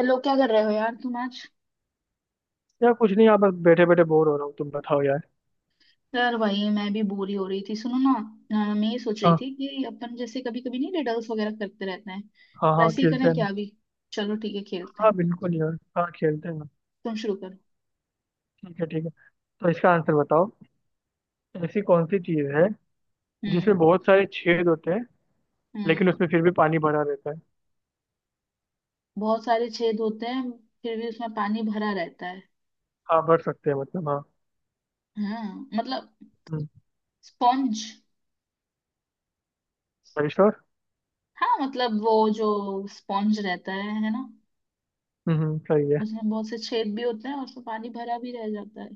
Hello, क्या कर रहे हो यार तुम आज? यार कुछ नहीं यार। बस बैठे बैठे बोर हो रहा हूँ। तुम बताओ यार। यार, वही मैं भी बोरी हो रही थी। सुनो ना। मैं ये सोच रही हाँ। थी कि अपन जैसे कभी कभी नहीं, रिडल्स वगैरह करते रहते हैं। हाँ हाँ, वैसे ही खेलते करें हैं ना। क्या अभी? चलो ठीक है, खेलते हाँ हैं। बिल्कुल यार, हाँ खेलते हैं ना। तुम शुरू करो। ठीक है, ठीक है। तो इसका आंसर बताओ। ऐसी कौन सी चीज़ है हम्म। जिसमें बहुत सारे छेद होते हैं लेकिन हम्म। उसमें फिर भी पानी भरा रहता है? बहुत सारे छेद होते हैं, फिर भी उसमें पानी भरा रहता है। हाँ, भर सकते हैं, मतलब हाँ। हाँ मतलब। हम्म। स्पॉन्ज। श्योर। हाँ मतलब, वो जो स्पॉन्ज रहता है ना। सही है। उसमें बहुत से छेद भी होते हैं, और उसमें पानी भरा भी रह जाता है।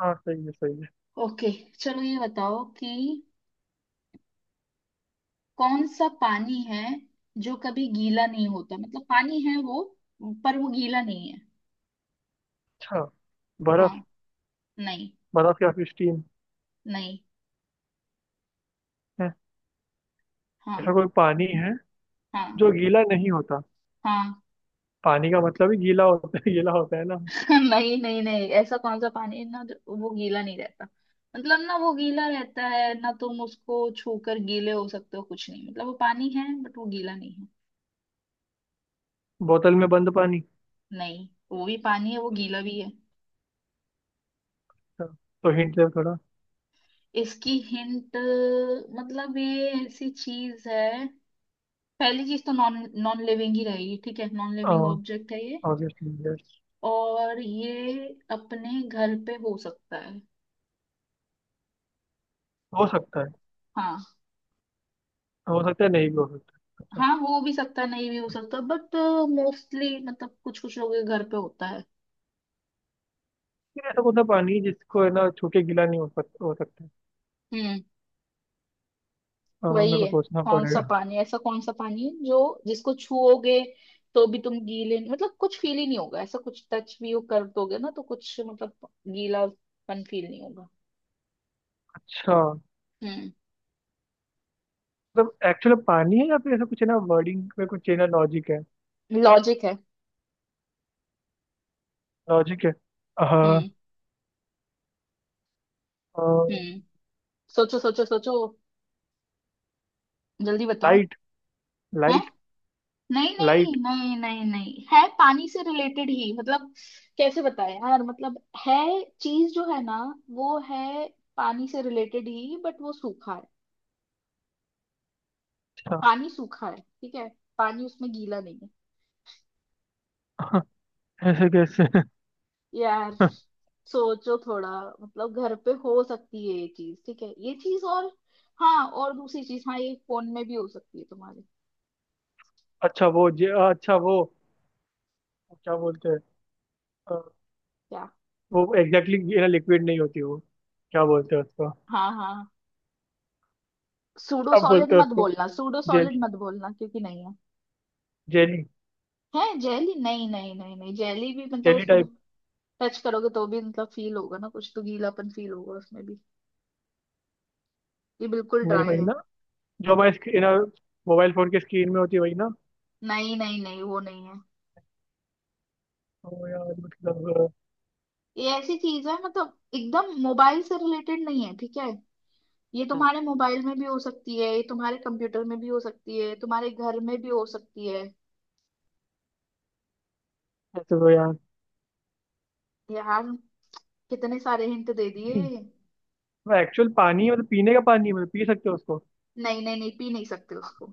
हाँ, सही है, सही है। ओके। चलो ये बताओ कि कौन सा पानी है जो कभी गीला नहीं होता। मतलब पानी है वो, पर वो गीला नहीं है। अच्छा। बर्फ। हाँ। नहीं, बर्फ या फिर स्टीम नहीं। है? ऐसा हाँ। कोई पानी है हाँ, जो गीला नहीं होता? हाँ। पानी का मतलब ही गीला होता है, गीला होता है ना। नहीं, नहीं, नहीं, ऐसा कौन सा पानी है ना, वो गीला नहीं रहता। मतलब ना वो गीला रहता है, ना तुम उसको छूकर गीले हो सकते हो कुछ नहीं। मतलब वो पानी है, बट वो गीला नहीं है। बोतल में बंद पानी। नहीं, वो भी पानी है, वो गीला भी है। हाँ, तो हिंट दे थोड़ा। इसकी हिंट, मतलब ये ऐसी चीज है। पहली चीज तो नॉन नॉन लिविंग ही रहेगी। ठीक है, नॉन लिविंग ऑब्जेक्ट है ये। Obviously yes. और ये अपने घर पे हो सकता है। हो सकता है। हाँ। हो सकता है, नहीं भी हो सकता है। अच्छा। हाँ, हो भी सकता है, नहीं भी हो सकता, बट मोस्टली मतलब कुछ कुछ लोगों के घर पे होता है। फिर ऐसा कौन सा पानी है जिसको है ना छू के गीला नहीं हो सकता, हो सकता है? हम्म वही मेरे को है। सोचना कौन सा पड़ेगा। पानी ऐसा कौन सा पानी है जो जिसको छुओगे तो भी तुम गीले, मतलब कुछ फील ही नहीं होगा। ऐसा कुछ टच भी वो कर दोगे ना तो कुछ मतलब गीलापन फील नहीं होगा। अच्छा, हम्म। मतलब एक्चुअल पानी है या फिर ऐसा कुछ है ना वर्डिंग में, कुछ है ना लॉजिक है? लॉजिक है। लॉजिक है। हाँ। हम्म। हम्म। सोचो, सोचो, सोचो। जल्दी बताओ। लाइट। है। लाइट। नहीं, नहीं, लाइट। नहीं, नहीं, नहीं। है पानी से रिलेटेड ही, मतलब कैसे बताएं यार, मतलब है चीज जो है ना, वो है। पानी से रिलेटेड ही बट वो सूखा है। अच्छा। पानी सूखा है, ठीक है। पानी उसमें गीला नहीं है। ऐसे कैसे? यार, सोचो थोड़ा। मतलब घर पे हो सकती है ये चीज, ठीक है, ये चीज। और हाँ, और दूसरी चीज, हाँ, ये फोन में भी हो सकती है तुम्हारे। अच्छा, वो जे अच्छा वो क्या बोलते हैं? अ, क्या? वो एग्जैक्टली ये ना लिक्विड नहीं होती वो। क्या बोलते हैं उसको हाँ, हाँ। सूडो क्या सॉलिड बोलते हैं मत उसको बोलना, सूडो सॉलिड जेली। मत बोलना, क्योंकि नहीं है। जेली। है जेली? नहीं, नहीं, नहीं, नहीं, जेली भी मतलब जेली उसको भी टच करोगे तो भी मतलब फील होगा ना कुछ तो, गीलापन फील होगा उसमें भी। ये बिल्कुल नहीं ड्राई वही है। ना, जो हमारे स्क्रीन मोबाइल फोन की स्क्रीन में होती है वही ना। नहीं, नहीं, नहीं, वो नहीं है। तो यार मतलब। ये ऐसी चीज है मतलब, एकदम मोबाइल से रिलेटेड नहीं है, ठीक है। ये हम्म, तुम्हारे मोबाइल में भी हो सकती है, ये तुम्हारे कंप्यूटर में भी हो सकती है, तुम्हारे घर में भी हो सकती है। ऐसे तो यार यार, कितने सारे हिंट दे दिए। नहीं। वो एक्चुअल पानी मतलब पीने का पानी है, मतलब पी सकते हो उसको। नहीं, नहीं, नहीं, पी नहीं सकते उसको।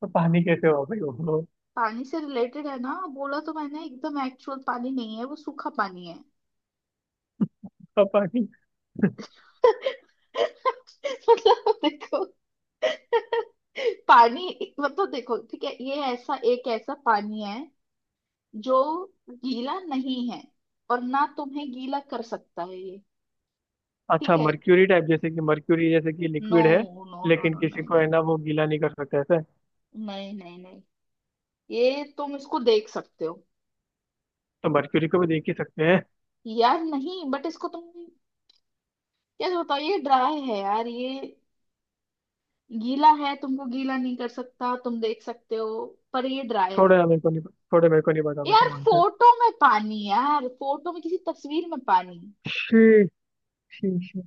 तो पानी कैसे हो भाई वो? पानी से रिलेटेड है ना बोला तो मैंने, एकदम एक्चुअल पानी नहीं है, वो सूखा पानी है। उसका पानी। मतलब देखो, पानी मतलब देखो, ठीक है, ये ऐसा एक ऐसा पानी है जो गीला नहीं है, और ना तुम्हें गीला कर सकता है ये। ठीक अच्छा, है। मर्क्यूरी टाइप, जैसे कि मर्क्यूरी, जैसे कि नो, लिक्विड है नो, नो, लेकिन नो। किसी नहीं, को है नहीं, ना वो गीला नहीं कर सकते ऐसे। नहीं, नहीं, नहीं। ये तुम इसको देख सकते हो। तो मर्क्यूरी को भी देख ही सकते हैं। यार नहीं, बट इसको तुम, कैसे बताओ, ये ड्राई है यार, ये गीला है, तुमको गीला नहीं कर सकता, तुम देख सकते हो, पर ये ड्राई है। थोड़ा यार मेरे को नहीं थोड़ा मेरे को नहीं पता, बेटा यार मानता है। फोटो में पानी, यार फोटो में, किसी तस्वीर में पानी। शी। शी शी।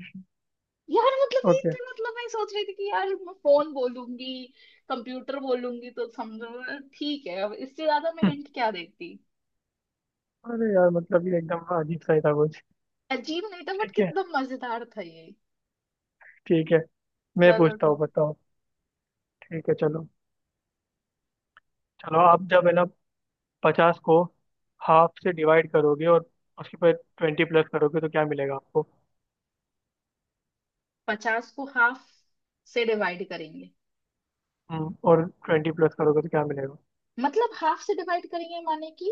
यार मतलब ये ओके। तो मतलब, मैं सोच रही थी कि यार मैं फोन बोलूंगी, कंप्यूटर बोलूंगी तो समझो, ठीक है, अब इससे ज्यादा मैं हिंट क्या देती। अरे यार, मतलब ये एकदम अजीब सा ही था कुछ। अजीब नहीं था बट ठीक है, कितना मजेदार था ये। ठीक है। मैं चलो पूछता हूँ, ठीक। बताओ। ठीक है, चलो। चलो, आप जब है ना 50 को हाफ से डिवाइड करोगे और उसके पर 20 प्लस करोगे तो क्या मिलेगा आपको? 50 को हाफ से डिवाइड करेंगे। और 20 प्लस करोगे तो क्या मिलेगा? मतलब हाफ से डिवाइड करेंगे माने कि,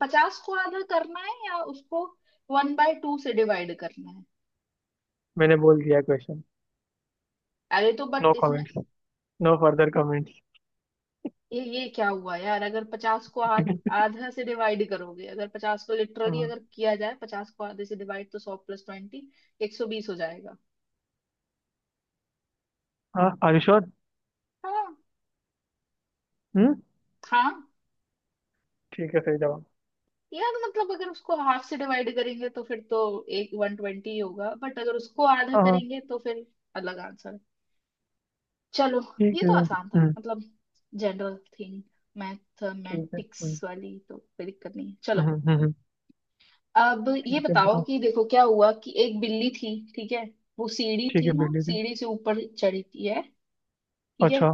50 को आधा करना है, या उसको 1/2 से डिवाइड करना है। मैंने बोल दिया क्वेश्चन। अरे तो नो बट इसमें। Comments, no further comments. ये क्या हुआ यार, अगर 50 को आधा से डिवाइड करोगे, अगर 50 को लिटरली हाँ। अगर किया जाए 50 को आधे से डिवाइड, तो 100 प्लस 20 120 हो जाएगा। हाँ, आर यू श्योर? हाँ, हम्म। हाँ। ठीक है, सही जवाब। यार मतलब, अगर उसको हाफ से डिवाइड करेंगे तो फिर तो एक 120 होगा, बट अगर उसको आधा हाँ। हाँ। करेंगे तो फिर अलग आंसर। चलो, ठीक ये है। तो आसान था हम्म। मतलब, जनरल थिंग। ठीक है। मैथमेटिक्स वाली तो कोई दिक्कत नहीं है, हम्म, चलो। हम्म। अब ये ठीक है, बताओ बताओ। कि देखो क्या हुआ कि एक बिल्ली थी। ठीक है। वो सीढ़ी ठीक है, थी ना, बिल्ली जी। सीढ़ी से ऊपर चढ़ी थी, है। ठीक है। अच्छा।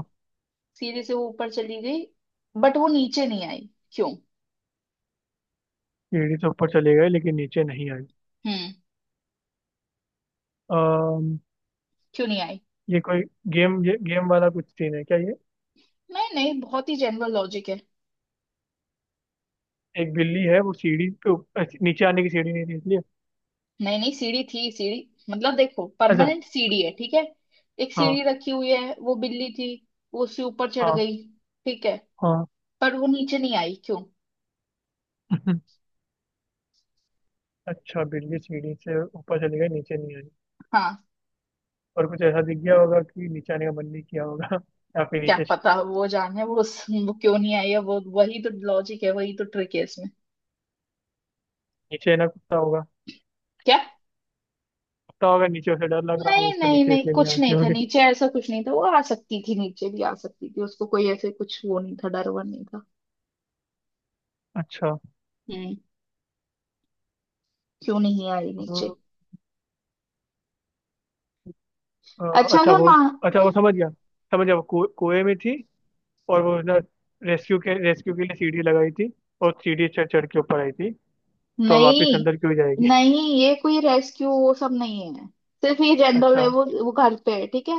सीढ़ी से वो ऊपर चली गई, बट वो नीचे नहीं आई, क्यों? सीढ़ी से ऊपर चले गए लेकिन नीचे नहीं आई। हम्म। अम्म क्यों नहीं आई? ये कोई ये गेम वाला कुछ सीन है क्या ये? नहीं, नहीं, बहुत ही जनरल लॉजिक है। एक बिल्ली है, वो सीढ़ी पे नीचे आने की सीढ़ी नहीं थी इसलिए। नहीं, नहीं, सीढ़ी थी सीढ़ी। मतलब देखो, अच्छा। परमानेंट सीढ़ी है, ठीक है। एक सीढ़ी हाँ रखी हुई है, वो बिल्ली थी। वो उससे ऊपर चढ़ हाँ गई। ठीक है। हाँ। पर वो नीचे नहीं आई, क्यों? अच्छा, बिल्ली सीढ़ी से ऊपर चली गई, नीचे नहीं आई। हाँ। और कुछ ऐसा दिख गया होगा कि नीचे आने का मन नहीं किया होगा। या फिर क्या नीचे। पता, वो जाने वो क्यों नहीं आई है वो। वही तो लॉजिक है, वही तो ट्रिक है इसमें। नीचे ना कुत्ता होगा। क्या? कुत्ता होगा नीचे, उसे डर लग रहा होगा, नहीं, उसको नहीं, नीचे नहीं, इसलिए नहीं कुछ आती नहीं था होगी। नीचे, ऐसा कुछ नहीं था, वो आ सकती थी, नीचे भी आ सकती थी, उसको कोई ऐसे कुछ वो नहीं था, डर वर नहीं था। अच्छा। हम्म। क्यों नहीं आई नीचे? अ, अ, अच्छा, अच्छा अगर वो माँ। अच्छा वो समझ गया, वो कुएं में थी। और वो ना रेस्क्यू के लिए सीढ़ी लगाई थी, और सीढ़ी चढ़ चढ़ के ऊपर आई थी। तो वापस नहीं, अंदर क्यों जाएगी? नहीं, ये कोई रेस्क्यू वो सब नहीं है। सिर्फ ये जनरल है, अच्छा। वो घर पे है, ठीक है।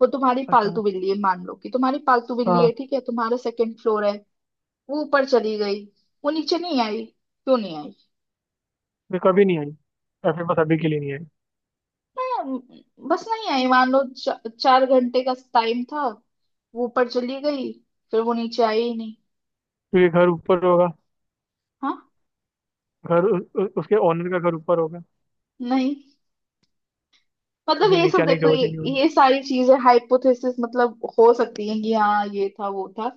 वो तुम्हारी अच्छा। पालतू बिल्ली है, मान लो कि तुम्हारी पालतू बिल्ली हाँ। है, ठीक है, तुम्हारा सेकंड फ्लोर है। वो ऊपर चली गई। वो नीचे नहीं आई, क्यों नहीं आई? ये कभी नहीं आई या फिर बस अभी के लिए नहीं आई? मैं। बस नहीं आई, मान लो 4 घंटे का टाइम था। वो ऊपर चली गई। फिर वो नीचे आई ही नहीं। क्योंकि घर ऊपर होगा। हाँ। उसके ओनर का घर ऊपर होगा, नहीं मतलब जो ये नीचे सब आने की देखो, ये वजह नहीं होगी। ये सारी चीजें हाइपोथेसिस मतलब, हो सकती है कि हाँ ये था वो था,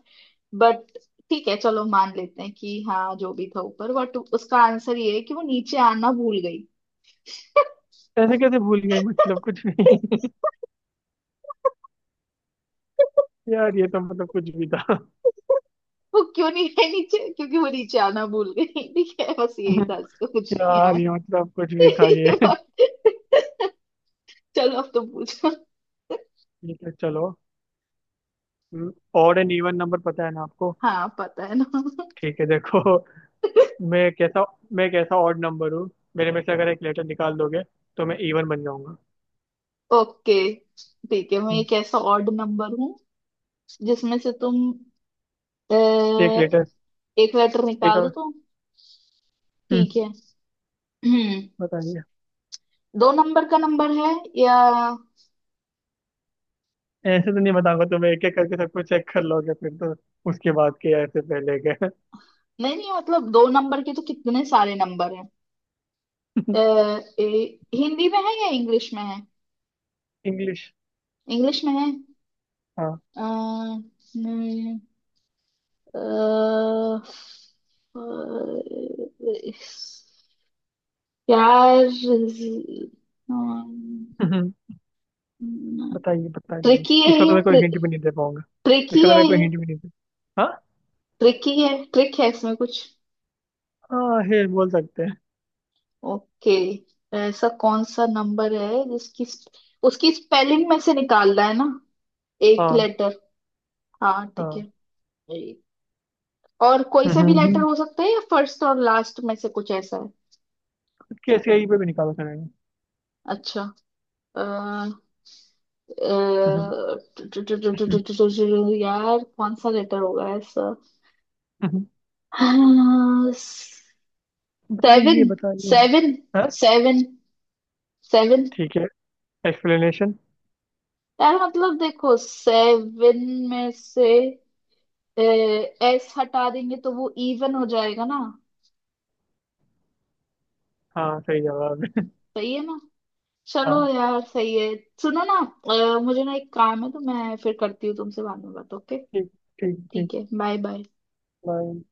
बट ठीक है, चलो मान लेते हैं कि हाँ, जो भी था ऊपर, बट उसका आंसर ये है कि वो नीचे आना भूल गई। ऐसे कैसे भूल गई, मतलब कुछ नहीं। यार ये तो मतलब कुछ भी था। वो क्यों नहीं है नीचे, क्योंकि वो नीचे आना भूल गई। ठीक है, बस यही था, इसका कुछ नहीं है यार और। ये मतलब कुछ भी था ये। चलो अब तो पूछो। ठीक है, चलो। ऑड एंड इवन नंबर पता है ना आपको? हाँ पता है ना। ठीक है, देखो। मैं कैसा मैं कैसा ऑड नंबर हूँ, मेरे में से अगर एक लेटर निकाल दोगे तो मैं इवन बन जाऊंगा। ओके। ठीक है, मैं हम्म, एक ऐसा ऑड नंबर हूँ जिसमें से तुम एक अ, लेटर। एक लेटर एक निकाल दो और। तो। हम्म। ठीक है। हम्म। बताइए। दो नंबर का नंबर है, या ऐसे तो नहीं बताऊंगा, तुम एक एक करके सबको चेक कर लोगे फिर तो। उसके बाद के, ऐसे पहले के। नहीं, नहीं, मतलब दो नंबर के तो कितने सारे नंबर हैं। अ, ए- हिंदी में है या इंग्लिश। इंग्लिश में है हाँ। अ, न- अ, अ, यार। हम्म, बताइए बताइए। ट्रिकी है इसका तो ये। मैं कोई हिंट भी नहीं दे पाऊंगा। ट्रिकी इसका तो है मैं कोई ये। हिंट भी नहीं दे। हाँ। ट्रिकी है, ट्रिक है इसमें कुछ। हाँ, हे बोल सकते हैं। ओके। ऐसा कौन सा नंबर है जिसकी उसकी स्पेलिंग में से निकालना है ना? एक हाँ। लेटर। हाँ, ठीक है। हाँ। एक और कोई सा हम्म भी लेटर हम्म, हो सकता है, या फर्स्ट और लास्ट में से कुछ ऐसा है? कैसे आई पे भी निकालो सर। अच्छा, अ, अ, यार कौन सा लेटर होगा ऐसा। 7। बताइए बताइए। 7। हाँ। 7। 7। ठीक है, एक्सप्लेनेशन। यार मतलब देखो, 7 में से एस हटा देंगे तो वो इवन हो जाएगा ना। हाँ, सही जवाब है। सही है ना? चलो हाँ। यार, सही है। सुनो ना। मुझे ना एक काम है तो मैं फिर करती हूँ तुमसे बाद में बात, ओके? ठीक, ठीक, ठीक। ठीक है, बाय बाय। बाय।